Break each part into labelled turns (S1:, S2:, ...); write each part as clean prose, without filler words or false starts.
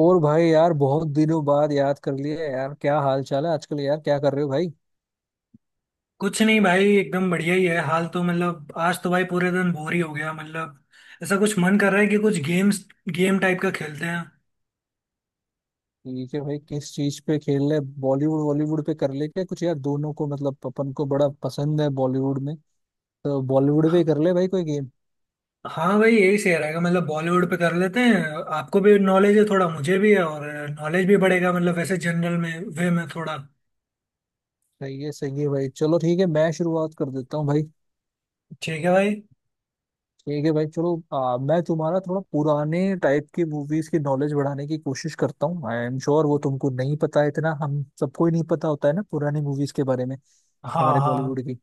S1: और भाई यार बहुत दिनों बाद याद कर लिया यार। क्या हाल चाल है आजकल यार, क्या कर रहे हो भाई।
S2: कुछ नहीं भाई, एकदम बढ़िया ही है हाल। तो मतलब आज तो भाई पूरे दिन बोर ही हो गया। मतलब ऐसा कुछ मन कर रहा है कि कुछ गेम्स गेम टाइप का खेलते हैं।
S1: ठीक है भाई, किस चीज पे खेल रहे। बॉलीवुड, बॉलीवुड पे कर ले क्या कुछ यार। दोनों को मतलब अपन को बड़ा पसंद है बॉलीवुड में, तो बॉलीवुड
S2: ह-
S1: पे कर ले भाई कोई गेम।
S2: हाँ भाई, यही सही रहेगा। मतलब बॉलीवुड पे कर लेते हैं। आपको भी नॉलेज है थोड़ा, मुझे भी है, और नॉलेज भी बढ़ेगा। मतलब वैसे जनरल में वे में थोड़ा।
S1: सही है भाई, चलो ठीक है मैं शुरुआत कर देता हूँ भाई।
S2: ठीक है भाई।
S1: ठीक है भाई चलो। मैं तुम्हारा थोड़ा पुराने टाइप की मूवीज की नॉलेज बढ़ाने की कोशिश करता हूँ। आई एम श्योर वो तुमको नहीं पता है इतना। हम सबको ही नहीं पता होता है ना पुरानी मूवीज के बारे में,
S2: हाँ
S1: हमारे
S2: हाँ।
S1: बॉलीवुड की।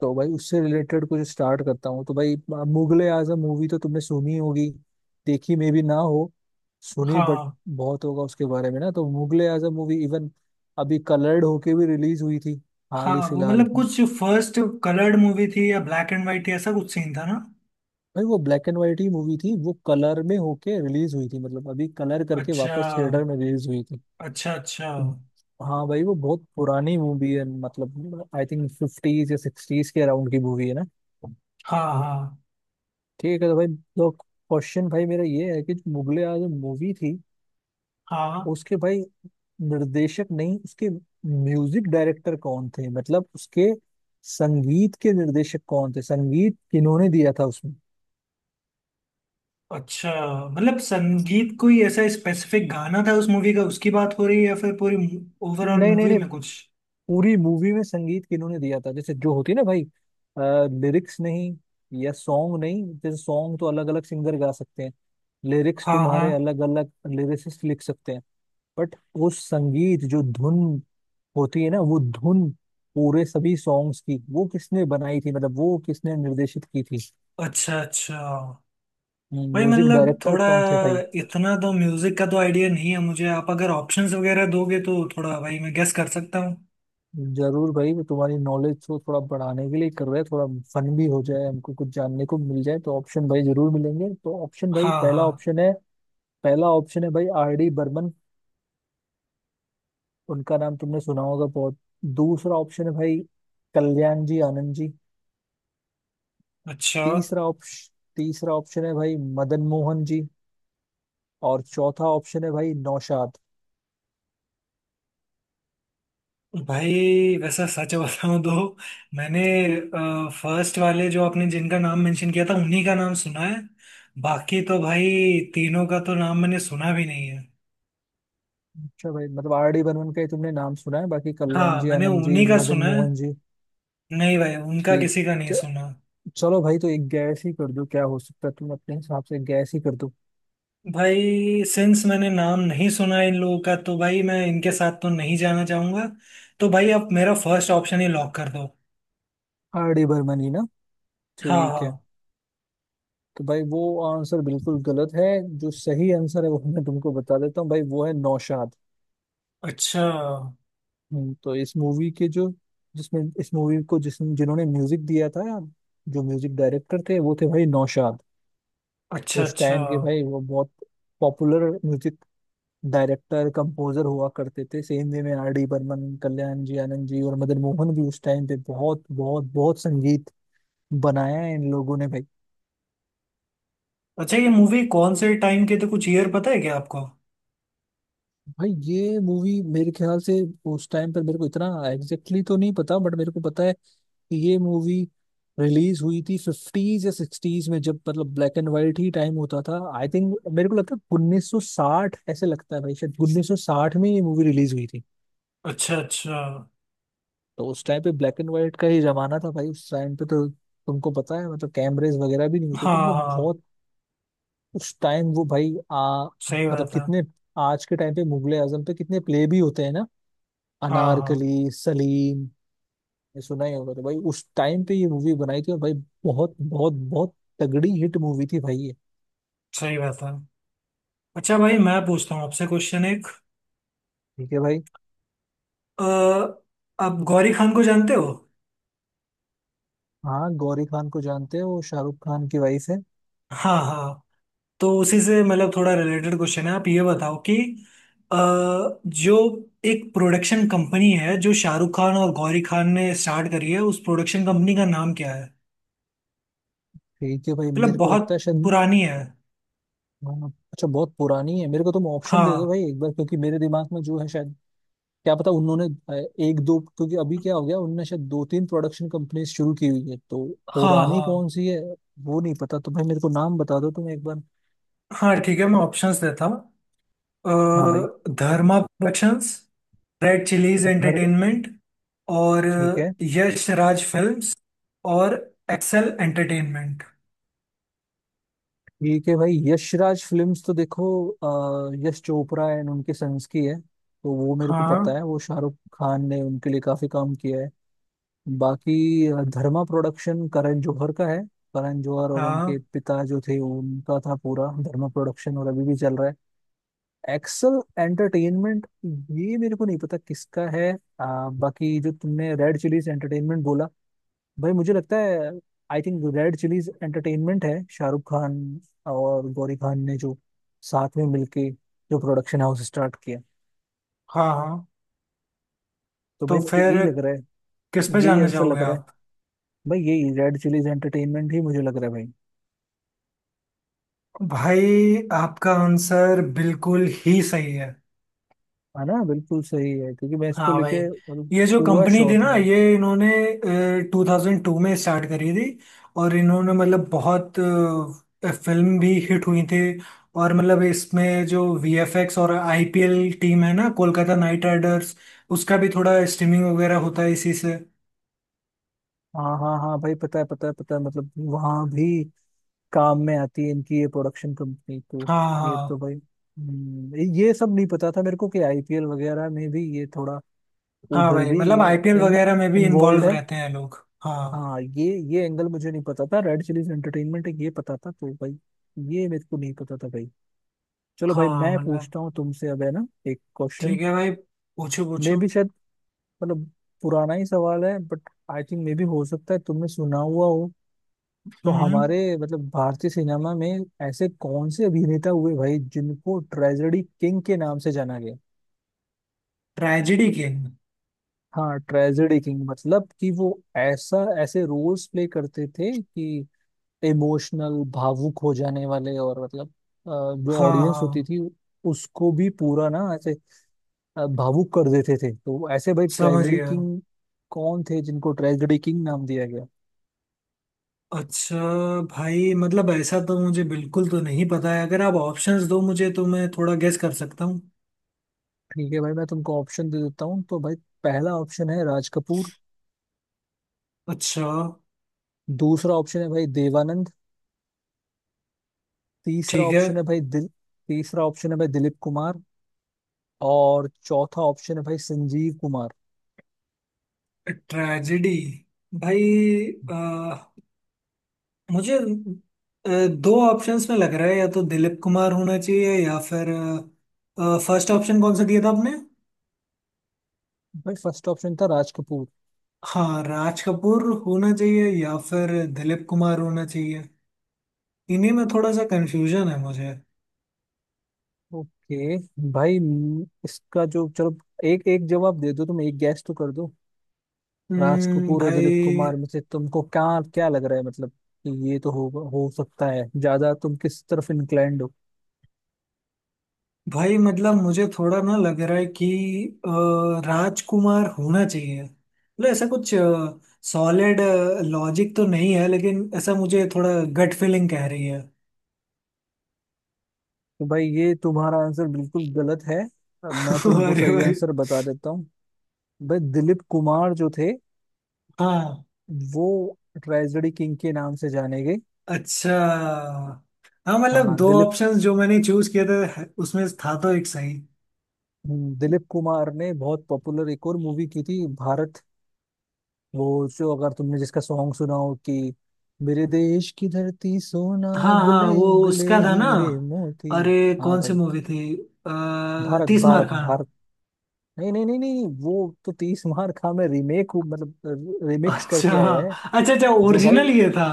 S1: तो भाई उससे रिलेटेड कुछ स्टार्ट करता हूँ तो भाई, मुगले आजम मूवी तो तुमने सुनी होगी। देखी मे भी ना हो, सुनी बट
S2: हाँ
S1: बहुत होगा उसके बारे में ना। तो मुगले आजम मूवी इवन अभी कलर्ड होके भी रिलीज हुई थी, हाल
S2: हाँ,
S1: ही
S2: वो
S1: फिलहाल
S2: मतलब
S1: में।
S2: कुछ फर्स्ट कलर्ड मूवी थी या ब्लैक एंड वाइट थी, ऐसा कुछ सीन था ना।
S1: भाई वो ब्लैक एंड वाइट ही मूवी थी, वो कलर में होके रिलीज हुई थी, मतलब अभी कलर करके
S2: अच्छा।
S1: वापस थिएटर में रिलीज हुई थी।
S2: अच्छा अच्छा।
S1: हाँ भाई वो बहुत पुरानी मूवी है, मतलब आई थिंक फिफ्टीज या सिक्सटीज के अराउंड की मूवी है ना।
S2: हाँ हाँ
S1: ठीक है, तो भाई तो क्वेश्चन भाई मेरा ये है कि जो मुगले आजम मूवी थी
S2: हाँ।
S1: उसके भाई निर्देशक नहीं, उसके म्यूजिक डायरेक्टर कौन थे, मतलब उसके संगीत के निर्देशक कौन थे, संगीत किन्होंने दिया था उसमें।
S2: अच्छा, मतलब संगीत कोई ऐसा स्पेसिफिक गाना था उस मूवी का उसकी बात हो रही है या फिर पूरी ओवरऑल
S1: नहीं नहीं
S2: मूवी
S1: नहीं,
S2: में कुछ।
S1: पूरी मूवी में संगीत किन्होंने दिया था। जैसे जो होती है ना भाई, लिरिक्स नहीं या सॉन्ग नहीं, जैसे सॉन्ग तो अलग अलग सिंगर गा सकते हैं, लिरिक्स
S2: हाँ हाँ।
S1: तुम्हारे अलग अलग लिरिसिस्ट लिख सकते हैं, बट वो संगीत जो धुन होती है ना, वो धुन पूरे सभी सॉन्ग्स की वो किसने बनाई थी, मतलब वो किसने निर्देशित की थी।
S2: अच्छा अच्छा। भाई
S1: म्यूजिक
S2: मतलब
S1: डायरेक्टर
S2: थोड़ा
S1: कौन थे भाई।
S2: इतना तो म्यूजिक का तो आइडिया नहीं है मुझे। आप अगर ऑप्शंस वगैरह दोगे तो थोड़ा भाई मैं गेस कर सकता हूँ।
S1: जरूर भाई, वो तुम्हारी नॉलेज को थोड़ा बढ़ाने के लिए कर रहे हैं, थोड़ा फन भी हो जाए, हमको कुछ जानने को मिल जाए। तो ऑप्शन भाई जरूर मिलेंगे। तो ऑप्शन भाई,
S2: हाँ
S1: पहला
S2: हाँ।
S1: ऑप्शन है, पहला ऑप्शन है भाई आर डी बर्मन, उनका नाम तुमने सुना होगा बहुत। दूसरा ऑप्शन है भाई कल्याण जी आनंद जी।
S2: अच्छा।
S1: तीसरा ऑप्शन है भाई मदन मोहन जी। और चौथा ऑप्शन है भाई नौशाद।
S2: भाई वैसा सच बताऊं तो मैंने फर्स्ट वाले, जो आपने जिनका नाम मेंशन किया था, उन्हीं का नाम सुना है। बाकी तो भाई तीनों का तो नाम मैंने सुना भी नहीं है।
S1: अच्छा भाई, मतलब आर डी बर्मन का ही तुमने नाम सुना है, बाकी कल्याण
S2: हाँ
S1: जी
S2: मैंने
S1: आनंद जी,
S2: उन्हीं का
S1: मदन
S2: सुना है।
S1: मोहन जी।
S2: नहीं भाई, उनका
S1: ठीक।
S2: किसी का नहीं
S1: च-
S2: सुना।
S1: चलो भाई, तो एक गैस ही कर दो क्या हो सकता है। तुम अपने हिसाब से गैस ही कर दो।
S2: भाई सिंस मैंने नाम नहीं सुना है इन लोगों का, तो भाई मैं इनके साथ तो नहीं जाना चाहूंगा। तो भाई आप मेरा फर्स्ट ऑप्शन ही लॉक कर दो।
S1: आर डी बर्मन ही ना।
S2: हाँ
S1: ठीक है।
S2: हाँ।
S1: तो भाई वो आंसर बिल्कुल गलत है। जो सही आंसर है वो मैं तुमको बता देता हूँ भाई, वो है नौशाद।
S2: अच्छा।
S1: तो इस मूवी के जो, जिसमें इस मूवी को जिस जिन्होंने म्यूजिक दिया था, जो म्यूजिक डायरेक्टर थे वो थे भाई नौशाद।
S2: अच्छा
S1: उस
S2: अच्छा।
S1: टाइम के भाई वो बहुत पॉपुलर म्यूजिक डायरेक्टर कंपोजर हुआ करते थे। सेम वे में आर डी बर्मन, कल्याण जी आनंद जी और मदन मोहन भी उस टाइम पे बहुत बहुत बहुत संगीत बनाया है इन लोगों ने भाई।
S2: अच्छा, ये मूवी कौन से टाइम के थे? कुछ ईयर पता है क्या आपको?
S1: भाई ये मूवी मेरे ख्याल से, उस टाइम पर मेरे को इतना एग्जैक्टली तो नहीं पता, बट मेरे को पता है कि ये मूवी रिलीज हुई थी फिफ्टीज या सिक्सटीज में, जब मतलब ब्लैक एंड वाइट ही टाइम होता था। आई थिंक मेरे को लगता है 1960, ऐसे लगता है भाई शायद 1960 में ये मूवी रिलीज हुई थी।
S2: अच्छा अच्छा।
S1: तो उस टाइम पे ब्लैक एंड व्हाइट का ही जमाना था भाई। उस टाइम पे तो तुमको पता है, मतलब कैमरेज वगैरह भी नहीं होते
S2: हाँ
S1: थे, मतलब
S2: हाँ।
S1: बहुत। उस टाइम वो भाई आ
S2: सही
S1: मतलब
S2: बात है।
S1: कितने, आज के टाइम पे मुगले आजम पे कितने प्ले भी होते हैं ना।
S2: हाँ हाँ।
S1: अनारकली, सलीम, ये सुना ही होगा। तो भाई उस टाइम पे ये मूवी बनाई थी और भाई बहुत बहुत बहुत तगड़ी हिट मूवी थी भाई ये।
S2: सही बात है। अच्छा भाई, मैं पूछता हूँ आपसे क्वेश्चन एक।
S1: ठीक है भाई।
S2: अ, आप गौरी खान को जानते हो?
S1: हाँ, गौरी खान को जानते हो, वो शाहरुख खान की वाइफ है।
S2: हाँ हाँ। तो उसी से मतलब थोड़ा रिलेटेड क्वेश्चन है। आप ये बताओ कि अ, जो एक प्रोडक्शन कंपनी है जो शाहरुख खान और गौरी खान ने स्टार्ट करी है, उस प्रोडक्शन कंपनी का नाम क्या है?
S1: ठीक है भाई
S2: मतलब
S1: मेरे को
S2: बहुत
S1: लगता है शायद।
S2: पुरानी है।
S1: हाँ, अच्छा बहुत पुरानी है, मेरे को तुम ऑप्शन दे दो
S2: हाँ।
S1: भाई एक बार, क्योंकि मेरे दिमाग में जो है शायद क्या पता। उन्होंने एक दो, क्योंकि अभी क्या हो गया उनने शायद दो तीन प्रोडक्शन कंपनी शुरू की हुई है, तो
S2: हाँ
S1: पुरानी
S2: हाँ।
S1: कौन सी है वो नहीं पता। तो भाई मेरे को नाम बता दो तुम एक बार।
S2: हाँ ठीक है, मैं ऑप्शंस देता हूँ।
S1: हाँ भाई।
S2: धर्मा प्रोडक्शंस, रेड चिलीज
S1: घर।
S2: एंटरटेनमेंट, और
S1: ठीक है।
S2: यश राज फिल्म्स, और एक्सेल एंटरटेनमेंट।
S1: ठीक है भाई, यशराज फिल्म्स तो देखो यश चोपड़ा एंड उनके सन्स की है, तो वो मेरे को पता
S2: हाँ
S1: है। वो शाहरुख खान ने उनके लिए काफी काम किया है। बाकी धर्मा प्रोडक्शन करण जौहर का है। करण जौहर और उनके
S2: हाँ।
S1: पिता जो थे उनका था पूरा धर्मा प्रोडक्शन, और अभी भी चल रहा है। एक्सल एंटरटेनमेंट ये मेरे को नहीं पता किसका है। बाकी जो तुमने रेड चिलीज एंटरटेनमेंट बोला, भाई मुझे लगता है I think Red Chillies Entertainment है शाहरुख खान और गौरी खान ने जो साथ में मिलके जो प्रोडक्शन हाउस स्टार्ट किया।
S2: हाँ हाँ।
S1: तो
S2: तो
S1: भाई मुझे यही
S2: फिर
S1: लग रहा
S2: किस
S1: है।
S2: पे
S1: यही
S2: जानना
S1: आंसर
S2: चाहोगे
S1: लग रहा है
S2: आप?
S1: भाई, यही रेड चिलीज एंटरटेनमेंट ही मुझे लग रहा है भाई।
S2: भाई आपका आंसर बिल्कुल ही सही है।
S1: है ना, बिल्कुल सही है, क्योंकि मैं इसको
S2: हाँ भाई,
S1: लेके मतलब
S2: ये जो
S1: पूरा
S2: कंपनी
S1: श्योर
S2: थी
S1: था।
S2: ना, ये इन्होंने 2002 में स्टार्ट करी थी। और इन्होंने मतलब बहुत फिल्म भी हिट हुई थी। और मतलब इसमें जो वीएफएक्स और आईपीएल टीम है ना, कोलकाता नाइट राइडर्स, उसका भी थोड़ा स्ट्रीमिंग वगैरह होता है इसी से।
S1: हाँ हाँ हाँ भाई पता है पता है पता है, मतलब वहाँ भी काम में आती है इनकी ये प्रोडक्शन कंपनी तो।
S2: हाँ
S1: ये तो
S2: हाँ।
S1: भाई ये सब नहीं पता था मेरे को कि आईपीएल वगैरह में भी ये थोड़ा
S2: हाँ
S1: उधर
S2: भाई,
S1: भी
S2: मतलब आईपीएल
S1: इन,
S2: वगैरह में भी
S1: इन्वॉल्व
S2: इन्वॉल्व
S1: है।
S2: रहते हैं लोग, हाँ।
S1: हाँ ये एंगल मुझे नहीं पता था। रेड चिलीज एंटरटेनमेंट है ये पता था, तो भाई ये मेरे को नहीं पता था भाई। चलो भाई
S2: हाँ
S1: मैं
S2: मतलब।
S1: पूछता हूँ तुमसे अब, है ना एक
S2: ठीक
S1: क्वेश्चन।
S2: है भाई, पूछो
S1: मे
S2: पूछो।
S1: भी शायद, मतलब पुराना ही सवाल है बट आई थिंक मे भी हो सकता है तुमने सुना हुआ हो। तो
S2: हम्म
S1: हमारे मतलब भारतीय सिनेमा में ऐसे कौन से अभिनेता हुए भाई जिनको ट्रेजेडी किंग के नाम से जाना गया।
S2: ट्रेजेडी के?
S1: हाँ ट्रेजेडी किंग, मतलब कि वो ऐसा, ऐसे रोल्स प्ले करते थे कि इमोशनल भावुक हो जाने वाले, और मतलब जो
S2: हाँ
S1: ऑडियंस होती
S2: हाँ,
S1: थी उसको भी पूरा ना ऐसे भावुक कर देते थे। तो ऐसे भाई
S2: समझ
S1: ट्रेजेडी
S2: गया।
S1: किंग कौन थे जिनको ट्रेजेडी किंग नाम दिया गया।
S2: अच्छा। भाई मतलब ऐसा तो मुझे बिल्कुल तो नहीं पता है। अगर आप ऑप्शंस दो मुझे तो मैं थोड़ा गेस कर सकता हूँ।
S1: ठीक है भाई, मैं तुमको ऑप्शन दे देता हूँ तो भाई, पहला ऑप्शन है राज कपूर।
S2: अच्छा।
S1: दूसरा ऑप्शन है भाई देवानंद। तीसरा
S2: ठीक है।
S1: ऑप्शन है भाई दिल तीसरा ऑप्शन है भाई दिलीप कुमार। और चौथा ऑप्शन है भाई संजीव कुमार।
S2: ट्रेजेडी। भाई, अ, मुझे दो ऑप्शंस में लग रहा है। या तो दिलीप कुमार होना चाहिए, या फिर फर्स्ट ऑप्शन कौन सा दिया था आपने?
S1: भाई फर्स्ट ऑप्शन था राज कपूर।
S2: हाँ, राज कपूर होना चाहिए या फिर दिलीप कुमार होना चाहिए। इन्हीं में थोड़ा सा कंफ्यूजन है मुझे।
S1: ओके भाई, इसका जो, चलो एक एक जवाब दे दो, तुम एक गैस तो कर दो। राज कपूर और दिलीप कुमार
S2: भाई।
S1: में से तुमको क्या, क्या लग रहा है, मतलब कि ये तो हो सकता है ज्यादा तुम किस तरफ इंक्लाइंड हो।
S2: भाई मतलब मुझे थोड़ा ना लग रहा है कि अ, राजकुमार होना चाहिए। मतलब ऐसा कुछ सॉलिड लॉजिक तो नहीं है, लेकिन ऐसा मुझे थोड़ा गट फीलिंग कह रही है।
S1: तो भाई ये तुम्हारा आंसर बिल्कुल गलत है। मैं तुमको
S2: अरे
S1: सही
S2: भाई।
S1: आंसर बता देता हूँ। भाई दिलीप कुमार जो थे,
S2: हाँ।
S1: वो ट्रेजेडी किंग के नाम से जाने गए।
S2: अच्छा। हाँ मतलब
S1: हाँ
S2: दो
S1: दिलीप।
S2: ऑप्शंस जो मैंने चूज किए थे उसमें था तो एक सही।
S1: दिलीप कुमार ने बहुत पॉपुलर एक और मूवी की थी, भारत। वो जो अगर तुमने जिसका सॉन्ग सुना हो कि मेरे देश की धरती सोना
S2: हाँ हाँ,
S1: उगले
S2: वो
S1: उगले
S2: उसका था ना।
S1: हीरे मोती।
S2: अरे
S1: हाँ
S2: कौन सी
S1: भाई।
S2: मूवी थी?
S1: भारत,
S2: तीस मार
S1: भारत,
S2: खान?
S1: भारत। नहीं नहीं नहीं नहीं नहीं, वो तो तीस मार खा में रीमेक मतलब रिमिक्स
S2: अच्छा।
S1: करके आया है।
S2: अच्छा अच्छा,
S1: जो भाई,
S2: ओरिजिनल ये था।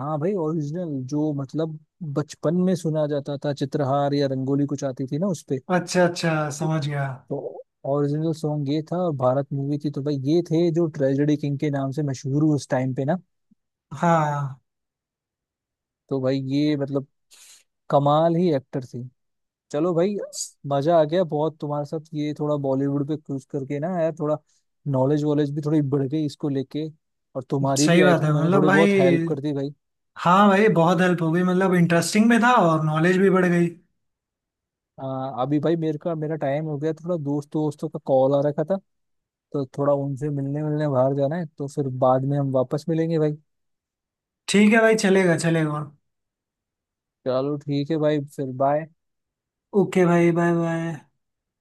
S1: हाँ भाई ओरिजिनल जो मतलब बचपन में सुना जाता था, चित्रहार या रंगोली कुछ आती थी ना उसपे।
S2: अच्छा अच्छा, समझ गया।
S1: तो ओरिजिनल सॉन्ग ये था और भारत मूवी थी। तो भाई ये थे जो ट्रेजेडी किंग के नाम से मशहूर हुए उस टाइम पे ना।
S2: हाँ।
S1: तो भाई ये मतलब कमाल ही एक्टर थे। चलो भाई,
S2: स-
S1: मजा आ गया बहुत तुम्हारे साथ ये थोड़ा बॉलीवुड पे क्रूज करके ना यार। थोड़ा नॉलेज वॉलेज भी थोड़ी बढ़ गई इसको लेके, और तुम्हारी भी
S2: सही
S1: आई
S2: बात है
S1: थिंक मैंने
S2: मतलब
S1: थोड़ी बहुत हेल्प
S2: भाई।
S1: कर दी भाई।
S2: हाँ भाई, बहुत हेल्प हो गई। मतलब इंटरेस्टिंग भी था और नॉलेज भी बढ़ गई।
S1: अभी भाई मेरे का मेरा टाइम हो गया थोड़ा, दोस्तों दोस्तों का कॉल आ रखा था, तो थोड़ा उनसे मिलने मिलने बाहर जाना है। तो फिर बाद में हम वापस मिलेंगे भाई।
S2: ठीक है भाई, चलेगा चलेगा।
S1: चलो ठीक है भाई, फिर बाय।
S2: ओके भाई, बाय बाय।